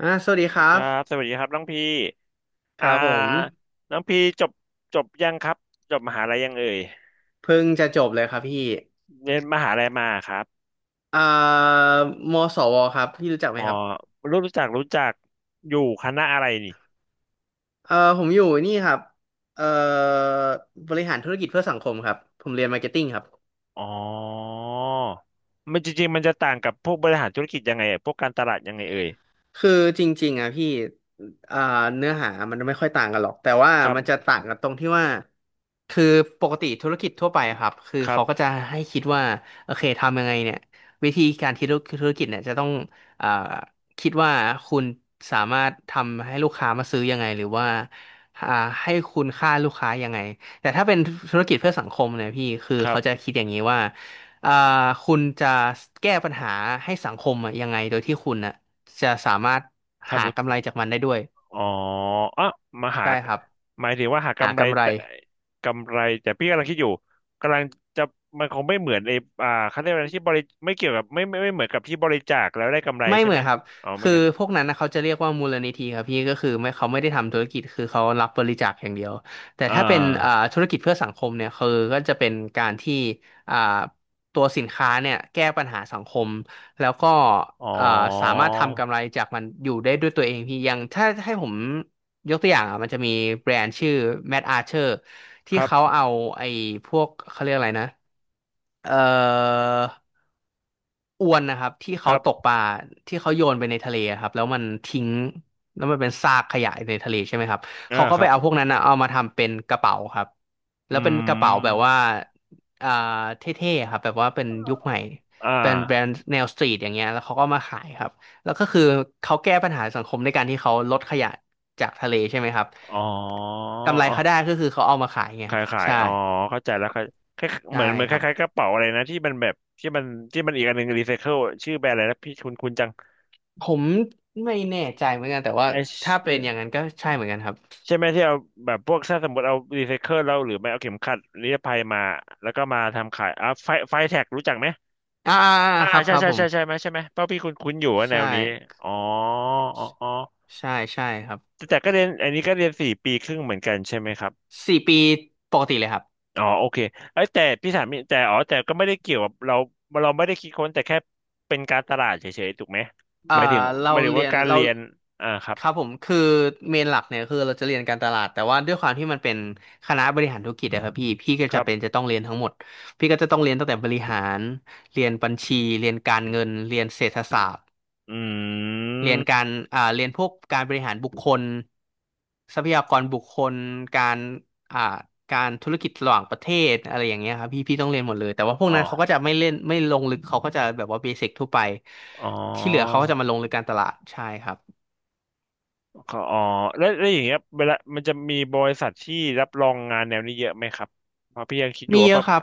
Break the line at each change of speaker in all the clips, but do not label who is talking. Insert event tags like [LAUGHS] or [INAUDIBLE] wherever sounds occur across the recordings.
สวัสดีครั
ครับส
บ
วัสดีครับน้องพี่
ค
อ่
รับผม
าน้องพี่จบยังครับจบมหาลัยยังเอ่ย
เพิ่งจะจบเลยครับพี่
เรียนมหาลัยมาครับ
อ่ามสวครับพี่รู้จักไห
ห
ม
มอ
ครับ
รู้จักอยู่คณะอะไรนี่
ผมอยู่นี่ครับเอ่อบริหารธุรกิจเพื่อสังคมครับผมเรียนมาร์เก็ตติ้งครับ
อ๋อมันจริงๆมันจะต่างกับพวกบริหารธุรกิจยังไงอะพวกการตลาดยังไงเอ่ย
คือจริงๆอ่ะพี่อ่าเนื้อหามันไม่ค่อยต่างกันหรอกแต่ว่า
ครั
มันจะ
บ
ต่างกันตรงที่ว่า คือปกติธุรกิจทั่วไปอะครับคือ
ครับ
เขาก็จะให้คิดว่าโอเคทำยังไงเนี่ยวิธีการคิดธุรกิจเนี่ยจะต้องอ่าคิดว่าคุณสามารถทำให้ลูกค้ามาซื้อยังไงหรือว่าอ่าให้คุณค่าลูกค้ายังไงแต่ถ้าเป็นธุรกิจเพื่อสังคมเนี่ยพี่คือ
ครับ
เขาจะคิดอย่างนี้ว่าอ่าคุณจะแก้ปัญหาให้สังคมอะยังไงโดยที่คุณนะ จะสามารถ
ทำ
หากำไรจากมันได้ด้วย
อ๋ออ่ะมาหา
ใช่ครับ
หมายถึงว่าหา
หา
กำไร
กำไร
แต่กำไรแต่พี่กำลังคิดอยู่กำลังจะมันคงไม่เหมือนไอ้เขาเรียกว่าอะไรที่บริไม่เกี่ยวกับไม่เหมือนกับที่บริจาคแล้วได้กำไร
ไม่
ใช่
เหมื
ไห
อ
ม
นครับ
อ๋อไม่
คือ
เกี่ยว
พวกนั้นนะเขาจะเรียกว่ามูลนิธิครับพี่ก็คือไม่เขาไม่ได้ทำธุรกิจคือเขารับบริจาคอย่างเดียวแต่
อ่
ถ้าเป็น
า
ธุรกิจเพื่อสังคมเนี่ยคือก็จะเป็นการที่อ่าตัวสินค้าเนี่ยแก้ปัญหาสังคมแล้วก็
อ๋อ
อ่าสามารถทำกำไรจากมันอยู่ได้ด้วยตัวเองพี่อยังถ้าให้ผมยกตัวอย่างอ่ะมันจะมีแบรนด์ชื่อ Mad Archer
ค
ที่
รั
เขา
บ
เอาไอ้พวกเขาเรียกอะไรนะ เอ่ออวนนะครับที่
ค
เขา
รั
ตก
บ
ปลาที่เขาโยนไปในทะเลครับแล้วมันทิ้งแล้วมันเป็นซากขยะในทะเลใช่ไหมครับ
อ่า
เขาก็
ค
ไป
รับ
เอาพวกนั้นนะเอามาทำเป็นกระเป๋าครับแล้ว
อื
เป็นกระเป๋าแบบ
ม
ว่าอ่าเท่ๆครับแบบว่าเป็นยุคใหม่
อ่
เป็นแบร
า
นด์แนวสตรีทอย่างเงี้ยแล้วเขาก็มาขายครับแล้วก็คือเขาแก้ปัญหาสังคมด้วยการที่เขาลดขยะจากทะเลใช่ไหมครับ
อ๋ออ
กำไร
๋
เขาได้
อ
ก็คือเขาเอามาขายไงครับ
ขาย
ใช่
อ๋อเข้าใจแล้วคล้าย
ใช่
เหมือน
ค
ค
รับ
ล้ายๆกระเป๋าอะไรนะที่มันที่มันอีกอันหนึ่งรีไซเคิลชื่อแบรนด์อะไรนะพี่คุณจัง
ผมไม่แน่ใจเหมือนกันแต่ว่า
ไ
ถ้าเป็นอย่า
อ
งนั้นก็ใช่เหมือนกันครับ
ใช่ไหมที่เอาแบบพวกถ้าสมมติเอารีไซเคิลเราหรือไม่เอาเข็มขัดนิรภัยมาแล้วก็มาทำขายอ่ะไฟแท็กรู้จักไหม
อ่า
อ่า
ๆๆครับ
ใช่
ครับ
ใช่
ผม
ใช่ใช่ไหมเพราะพี่คุ้นคุ้นอยู่ว่าแน
ใช่
วนี้อ๋ออ๋อ
ใช่ใช่ครับ
แต่ก็เรียนอันนี้ก็เรียนสี่ปีครึ่งเหมือนกันใช่ไหมครับ
สี่ปีปกติเลยครับ
อ๋อโอเคเอ้ยแต่พี่ถามนิดอ๋อแต่ก็ไม่ได้เกี่ยวกับเราเราไม่ได้คิดค้นแต่แค่เป็นการตลาดเฉยๆถูกไหม
เอ่
ห
อ
มายถึง
เราเรี
ว่า
ยน
การ
เรา
เรียนอ่าครับ
ครับผมคือเมนหลักเนี่ยคือเราจะเรียนการตลาดแต่ว่าด้วยความที่มันเป็นคณะบริหารธุรกิจอะครับพี่พี่ก็
ค
จะ
รั
เป็น
บ
จะต้องเรียนทั้งหมดพี่ก็จะต้องเรียนตั้งแต่บริหารเรียนบัญชีเรียนการเงินเรียนเศรษฐศาสตร์
อื
เรียนกา
ม
รเรียนพวกการบริหารบุคคลทรัพยากรบุคคลการอ่าการธุรกิจระหว่างประเทศอะไรอย่างเงี้ยครับพี่พี่ต้องเรียนหมดเลยแต่ว่าพวก
อ๋อ
นั้นเขาก็จะไม่เล่นไม่ลงลึกเขาก็จะแบบว่าเบสิกทั่วไป
อ๋อ
ที่เหลือเขาก็จะมาลงลึกการตลาดใช่ครับ
เขาอ๋อแล้วอย่างเงี้ยเวลามันจะมีบริษัทที่รับรองงานแนวนี้เยอะไหมครับเพราะพี่ยังคิดอยู่
มี
ว่า
เย
แบ
อะ
บ
ครับ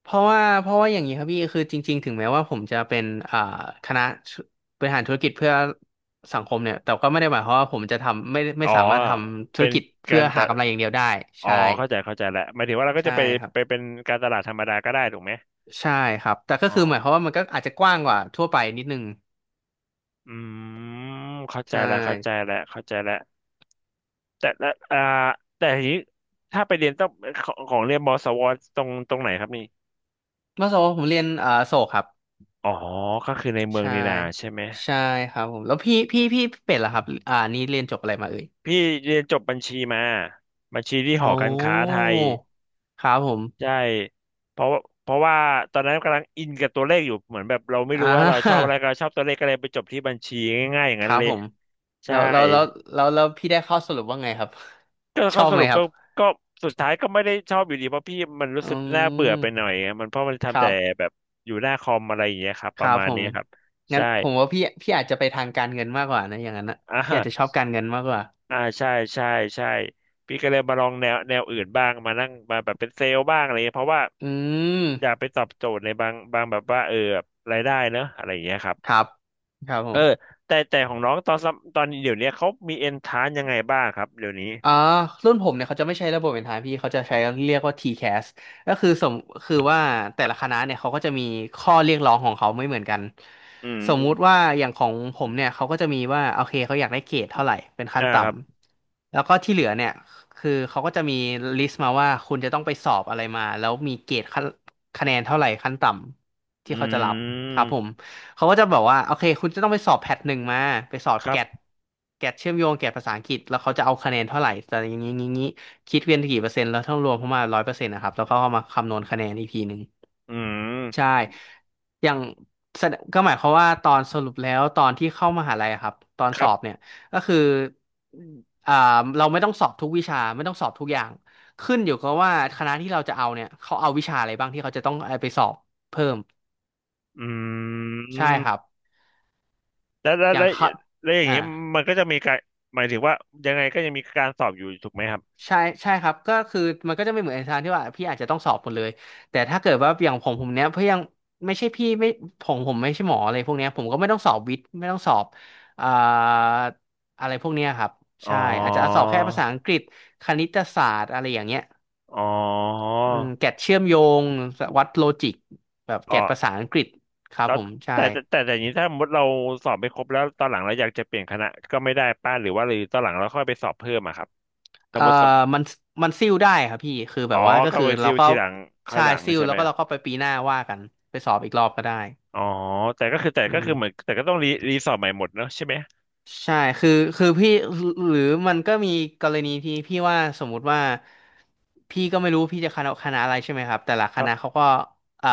เพราะว่าเพราะว่าอย่างนี้ครับพี่คือจริงๆถึงแม้ว่าผมจะเป็นอ่าคณะบริหารธุรกิจเพื่อสังคมเนี่ยแต่ก็ไม่ได้หมายความว่าผมจะทำไม่
อ๋อ
สามารถทำธุ
เป็
ร
น
กิจ
กา
เพื่อ
รตะ
หากำไรอย่างเดียวได้
อ๋อ
ใช่
เข้าใจเข้าใจแล้วหมายถึงว่าเราก็
ใช่
จะไป
ครับ
ไปเป็นการตลาดธรรมดาก็ได้ถูกไหม
ใช่ครับแต่ก็
อ๋อ
คือหมายความว่ามันก็อาจจะกว้างกว่าทั่วไปนิดนึง
อืมเข้า
ใช
ใจแล้วเข้าใจ
่
แล้วเข้าใจแล้วแต่ละแต่ทีนี้ถ้าไปเรียนต้องของเรียนมสวตรงไหนครับนี่
เมื่อสมมติผมเรียนโศกครับ
อ๋อก็คือในเมือง
ใช่
นีนาใช่ไหม
ใช่ครับผมแล้วพี่เป็ดล่ะครับอ่านี่เรียนจบอะไรมาเอ่ย
พี่เรียนจบบัญชีมาบัญชีที่ห
โอ้
อการค้าไทย
ครับผ
ใช่
ม
เพราะเพราะว่าตอนนั้นกำลังอินกับตัวเลขอยู่เหมือนแบบเราไม่
อ่
รู้ว่าเราชอบอะ
า
ไรก็เราชอบตัวเลขก็เลยไปจบที่บัญชีง่ายๆอย่าง
ค
นั้น
รับ
เลย
ผมแล้
ใช่
วแล้วแล้วแล้วพี่ได้ข้อสรุปว่าไงครับ
ก็
[LAUGHS] ช
เขา
อบ
ส
ไหม
รุป
ครั
ก็
บ
ก็สุดท้ายก็ไม่ได้ชอบอยู่ดีเพราะพี่มันรู้
อื
สึกน่าเบื่อไปหน่อ
ม
ยอะมันเพราะมัน
ค
ทำ
รั
แต่
บ
แบบอยู่หน้าคอมอะไรอย่างเงี้ยครับ
ค
ประ
รับ
มาณ
ผ
นี้
ม
ครับ
งั้น
ใช่
ผมว่าพี่พี่อาจจะไปทางการเงินมากกว่านะอย่างนั้นนะ
อ่
พี่อาจจะชอ
า
บการเงินมากกว่า
อ่าใช่ใช่ใช่พี่ก็เลยมาลองแนวอื่นบ้างมานั่งมาแบบเป็นเซลล์บ้างอะไรเงี้ยเพราะว่า
อื
อยาก
ม
ไปตอบโจทย์ในบางแบบว่าเออรายได้เนอะอะไรอย่างเงี้ยครับ
ครับครับผ
เออ
ม
แต่ของน้องตอนเดี๋ยวเนี้ยเขามีเอนทานยังไงบ้างครับเดี๋ยวนี้
อ่ารุ่นผมเนี่ยเขาจะไม่ใช้ระบบเป็นทางพี่เขาจะใช้เรียกว่า TCAS ก็คือคือว่าแต่ละคณะเนี่ยเขาก็จะมีข้อเรียกร้องของเขาไม่เหมือนกัน
อืม
สมมุติว่าอย่างของผมเนี่ยเขาก็จะมีว่าโอเคเขาอยากได้เกรดเท่าไหร่เป็นขั้น
อ่า
ต่
ครับ
ำแล้วก็ที่เหลือเนี่ยคือเขาก็จะมีลิสต์มาว่าคุณจะต้องไปสอบอะไรมาแล้วมีเกรดขั้นคะแนนเท่าไหร่ขั้นต่ำ
อื
ที่เขาจะรับครับผม
ม
เขาก็จะบอกว่าโอเคคุณจะต้องไปสอบแพทหนึ่งมาไปสอบ
ครั
แก
บ
ดเชื่อมโยงแกดภาษาอังกฤษแล้วเขาจะเอาคะแนนเท่าไหร่แต่อย่างนี้งี้คิดเป็นกี่เปอร์เซ็นต์แล้วต้องรวมเข้ามาร้อยเปอร์เซ็นต์นะครับแล้วก็เอามาคำนวณคะแนนอีกทีหนึ่ง
อื
ใช่
ม
อย่างแสดก็หมายความว่าตอนสรุปแล้วตอนที่เข้ามหาลัยอะครับตอน
ค
ส
รั
อบ
บ
เนี่ยก็คืออ่าเราไม่ต้องสอบทุกวิชาไม่ต้องสอบทุกอย่างขึ้นอยู่กับว่าคณะที่เราจะเอาเนี่ยเขาเอาวิชาอะไรบ้างที่เขาจะต้องเอาไปสอบเพิ่ม
อื
ใช่ครับ
มแล้ว
อย่าง
แ
เขา
ล้วอย่าง
อ่า
นี้มันก็จะมีการหมายถึงว่ายังไงก็ยังมีการสอบอยู่ถูกไหมครับ
ใช่ใช่ครับก็คือมันก็จะไม่เหมือนอาจารย์ที่ว่าพี่อาจจะต้องสอบหมดเลยแต่ถ้าเกิดว่าอย่างผมเนี้ยเพื่อยังไม่ใช่พี่ไม่ผมไม่ใช่หมออะไรพวกเนี้ยผมก็ไม่ต้องสอบวิทย์ไม่ต้องสอบอ่าอะไรพวกเนี้ยครับ
อ๋อ
ใช่อาจจะสอบแค่ภาษาอังกฤษคณิตศาสตร์อะไรอย่างเงี้ย
อ๋อ
อืมแกดเชื่อมโยงวัดโลจิกแบบแก
อ๋อ
ดภาษาอังกฤษครับ
แล้ว
ผมใช่
แต่อย่างนี้ถ้าสมมติเราสอบไม่ครบแล้วตอนหลังเราอยากจะเปลี่ยนคณะก็ไม่ได้ป้าหรือว่าหรือตอนหลังเราค่อยไปสอบเพิ่มอะครับส
เอ่
ม
อ
มติ
มันมันซิ่วได้ครับพี่คือแบ
อ๋อ
บว่าก็
ก็
คือ
ไปซิ
เรา
ล
ก็
ทีหลังข้าง
ใช่
หลัง
ซิ่ว
ใช่
แล้
ไห
ว
ม
ก็เราก็ไปปีหน้าว่ากันไปสอบอีกรอบก็ได้
อ๋อแต่ก็คือแต่
อื
ก็คือเหมือน
ม
แต่ก็ต้องรีสอร์ทใหม่หมดเนอะใช่ไหม
ใช่คือพี่หรือมันก็มีกรณีที่พี่ว่าสมมุติว่าพี่ก็ไม่รู้พี่จะคณะอะไรใช่ไหมครับแต่ละค
ครั
ณะ
บ
เขาก็เอ่อ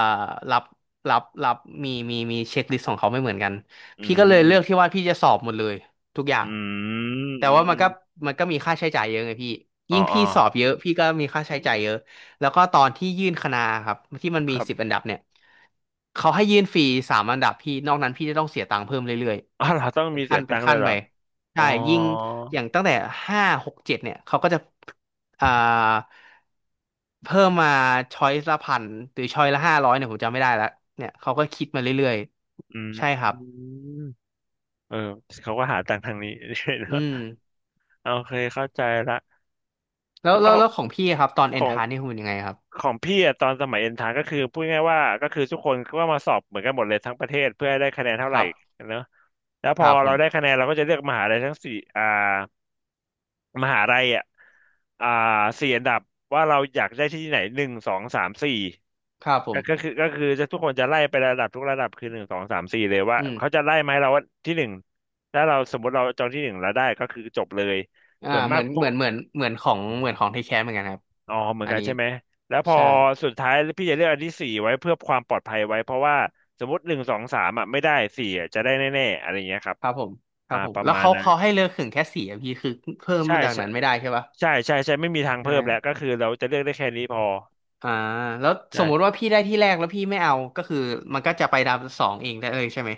รับรับมีเช็คลิสต์ของเขาไม่เหมือนกัน
อื
พี่ก็เลยเลือกที่
ม
ว่าพี่จะสอบหมดเลยทุกอย่าง
อืม
แต่
อืม
ว่า
อ
มัน
ม
ก็มันก็มีค่าใช้จ่ายเยอะไงพี่
อ๋อ
ยิ่งพี่สอบเยอะพี่ก็มีค่าใช้จ่ายเยอะ แล้วก็ตอนที่ยื่นคณะครับที่มัน
ค
มี
รับ
สิบอันดับเนี่ยเขาให้ยื่นฟรีสามอันดับพี่นอกนั้นพี่จะต้องเสียตังค์เพิ่มเรื่อย
อ๋อเราต้อง
ๆเป็
มี
น
เสียตังค์เล
ขั้
ย
น
เหร
ไป
ออ๋
ใช่
อ
ยิ่งอย่างตั้งแต่ห้าหกเจ็ดเนี่ยเขาก็จะอ่าเพิ่มมาช้อยละพันหรือช้อยละห้าร้อยเนี่ยผมจำไม่ได้แล้วเนี่ยเขาก็คิดมาเรื่อย
อื
ๆใช่
ม
ครับ
เออเขาก็หาตังค์ทางนี้ [LAUGHS] เน
อื
อะ
ม
โอเคเข้าใจละแต่ว่า
แล้วของพี่ครับตอนเอ
ขอ
น
ง
ทานนี่คุณเป็นยังไงครับ
พี่อะตอนสมัยเอ็นทรานก็คือพูดง่ายๆว่าก็คือทุกคนก็มาสอบเหมือนกันหมดเลยทั้งประเทศเพื่อให้ได้คะแนนเท่า
ค
ไหร่
รับ
เนอะ แล้ว
ค
พอ
รับผ
เราได้
ม
คะแนนเราก็จะเลือกมหาลัยทั้งสี่มหาลัยอ่ะอ่าสี่อันดับว่าเราอยากได้ที่ไหนหนึ่งสองสามสี่
ครับผม
ก็คือจะทุกคนจะไล่ไประดับทุกระดับคือหนึ่งสองสามสี่เลยว่า
อืม
เขาจะไล่ไหมาให้เราว่าที่หนึ่งถ้าเราสมมติเราจองที่หนึ่งแล้วได้ก็คือจบเลย
อ่า
ส่วน
เห
มา
มื
ก
อน
พว
เห
ก
มือนเหมือนเหมือนของเหมือนของทคแคสเหมือนกันครับ
อ๋อเหมือน
อัน
กัน
นี้
ใช่ไหมแล้วพอ
ใช่
สุดท้ายพี่จะเลือกอันที่สี่ไว้เพื่อความปลอดภัยไว้เพราะว่าสมมติหนึ่งสองสามอ่ะไม่ได้สี่อะจะได้แน่ๆอะไรอย่างเงี้ยครับ
ครับผมครั
อ่า
บผม
ประ
แล้ว
มาณ
เขา
นั้น
เขาให้เลือกขึงแค่สี่อะพี่คือเพิ่ม
ใช่
มาจาก
ใช่
นั้นไม่ได้ใช่ปะ
ใช่ใช่ใช่ไม่มีทาง
ใช่
เพิ่มแล้วก็คือเราจะเลือกได้แค่นี้พอ
อ่าแล้วสมมุติ
ใช่
ว่าพี่ได้ที่แรกแล้วพี่ไม่เอาก็คือมันก็จะไปดาวสองเองได้เลยใช่ไหม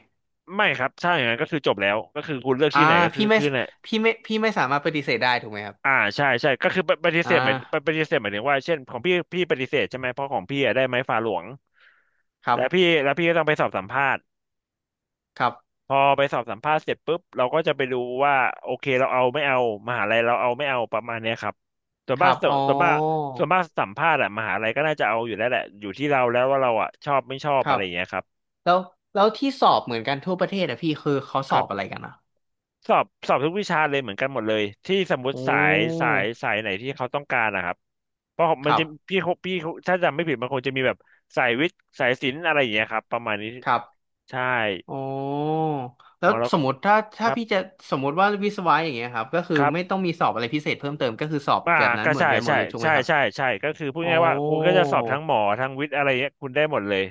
ไม่ครับถ้าอย่างนั้นก็คือจบแล้วก็คือคุณเลือก
อ่า
ที่อไหนก็คือ
พี่ไม่
ไหน
พี่ไม่สามารถปฏิเสธได้ถูกไหมครับ
ใช่ใช่ก็คือปฏิ
อ่
เสธหมาย
า
ปฏิเสธหมายถึงว่าเช่นของพี่ปฏิเสธใช่ไหมเพราะของพี่อะได้ไม้ฟาหลวง
ครับ
แล้วพี่ก็ต้องไปสอบสัมภาษณ์
ครับ
พอไปสอบสัมภาษณ์เสร็จปุ๊บเราก็จะไปดูว่าโอเคเราเอาไม่เอามหาลัยเราเอาไม่เอาประมาณเนี้ยครับ
ครับอ๋อ
ส่วนมากส่วนมากสัมภาษณ์อะมหาลัยก็น่าจะเอาอยู่แล้วแหละอยู่ที่เราแล้วว่าเราอะชอบไม่ชอบ
ค
อะ
รั
ไร
บ
อย่างเงี้ยครับ
แล้วแล้วที่สอบเหมือนกันทั่วประเทศอะพี่คือเขาส
ค
อ
รั
บอะไร
บ
กันอะ
สอบทุกวิชาเลยเหมือนกันหมดเลยที่สมมติ
โอ้
สายไหนที่เขาต้องการนะครับเพราะมั
ค
น
รั
จะ
บ
พี่เขาถ้าจำไม่ผิดมันคงจะมีแบบสายวิทย์สายศิลป์อะไรอย่างเงี้ยครับประมาณนี้
ครับ
ใช่
อ๋อ
ข
แล้
อ
ว
งเรา
ส
ก็
มมติถ้า
ค
ถ้า
รับ
พี่จะสมมติว่าวิศวะอย่างเงี้ยครับก็คือ
ครับ
ไม่ต้องมีสอบอะไรพิเศษเพิ่มเติมก็คือสอบ
อ่า
แบบนั้น
ก็
เหมือ
ใช่
นกันหม
ใช่
ดเลยถูกไหม
ใช่
ครับ
ใช่ใช่ก็คือพูด
อ๋อ
ง่ายๆว่าคุณก็จะสอบทั้งหมอทั้งวิทย์อะไรเงี้ยคุณได้หมดเลย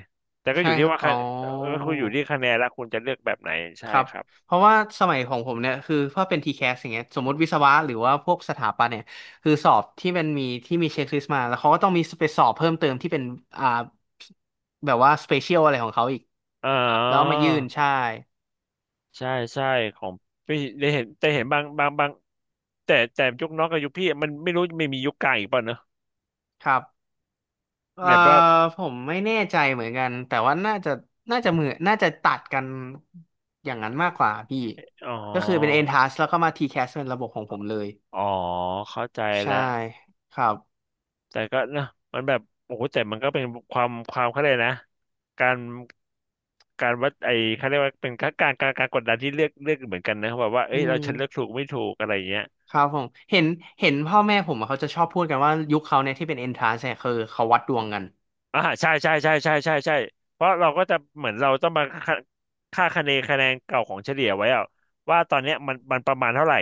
แต่ก็อ
ใช่
ยู่
ค
ที่
รับ
ว่า
อ๋อ
คะก็คืออยู่ที่คะแนนแลวคุณจะเลือกแบบไหนใช่
ครับ
ครับ
เพราะว่าสมัยของผมเนี่ยคือถ้าเป็นทีแค s อย่างเงี้ยสมมติวิศวะหรือว่าพวกสถาปัตย์เนี่ยคือสอบที่มันมีที่มีเช็คลิสต์มาแล้วเขาก็ต้องมีไปสอบเพิ่มเติมที่เป็นอ่าแบบว่าสเปเชียลอะไรของเขาอีก
อ๋อ
แล้วเอามายื่นใช่
ใช่ใช่ของพี่ได้เห็นแต่เห็นบางแต่ยุคน้องกับยุคพี่มันไม่รู้ไม่มียุคกลางอีกป่ะเนอะ
ครับ เอ่อ
แบบว่า
ผมไม่แน่ใจเหมือนกันแต่ว่าน่าจะตัดกันอย่างนั้นมากกว่าพี่
อ๋
ก็คือเป็น
อ
N-TAS แล้วก็มา T-CAS เป็นระบบของผมเลย
อ๋อเข้าใจ
ใช่
แล้ว
ครับ
แต่ก็นะมันแบบโอ้โหแต่มันก็เป็นความเขาเรียกนะการการวัดไอ้เขาเรียกว่าเป็นการกดดันที่เลือกเหมือนกันนะแบบว่า
อื
เอ้ยเราฉันเลือก
ม
ถูกไม่ถูกอะไรอย่างเงี้ย
ครับผมเห็นเห็นพ่อแม่ผมอะเขาจะชอบพูดกันว่ายุคเขาเนี่ยที่เป็น N-TAS เนี่ยคือเขาวัดดวงกัน
อ่าใช่ใช่ใช่ใช่ใช่ใช่เพราะเราก็จะเหมือนเราต้องมาค่าคะแนนเก่าของเฉลี่ยไว้อะว่าตอนเนี้ยมันมันประมาณเท่าไหร่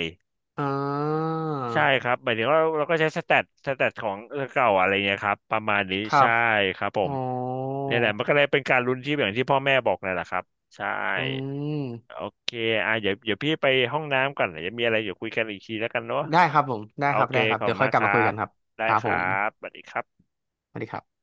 อ่า
ใช่ครับหมายถึงว่าเราก็ใช้สแตทของเก่าอะไรเงี้ยครับประมาณนี้
ครั
ใช่
บ
ครับผ
อ๋
ม
อ
นี่แหละมันก็เลยเป็นการลุ้นที่อย่างที่พ่อแม่บอกนั่นแหละครับใช่
อืม
โอเคอ่ะเดี๋ยวพี่ไปห้องน้ำก่อนเดี๋ยวมีอะไรเดี๋ยวคุยกันอีกทีแล้วกันเนาะ
ได้ครับผมได้
โอ
ครับ
เค
ได้ครับ
ขอบ
เดี๋ย
คุ
ว
ณ
ค่อ
มา
ย
ก
ก
ค
ลับ
รั
มาคุย
บ
กันครับ
ได้
ครับ
ค
ผ
รั
ม
บสวัสดีครับ
สวัสดีครับ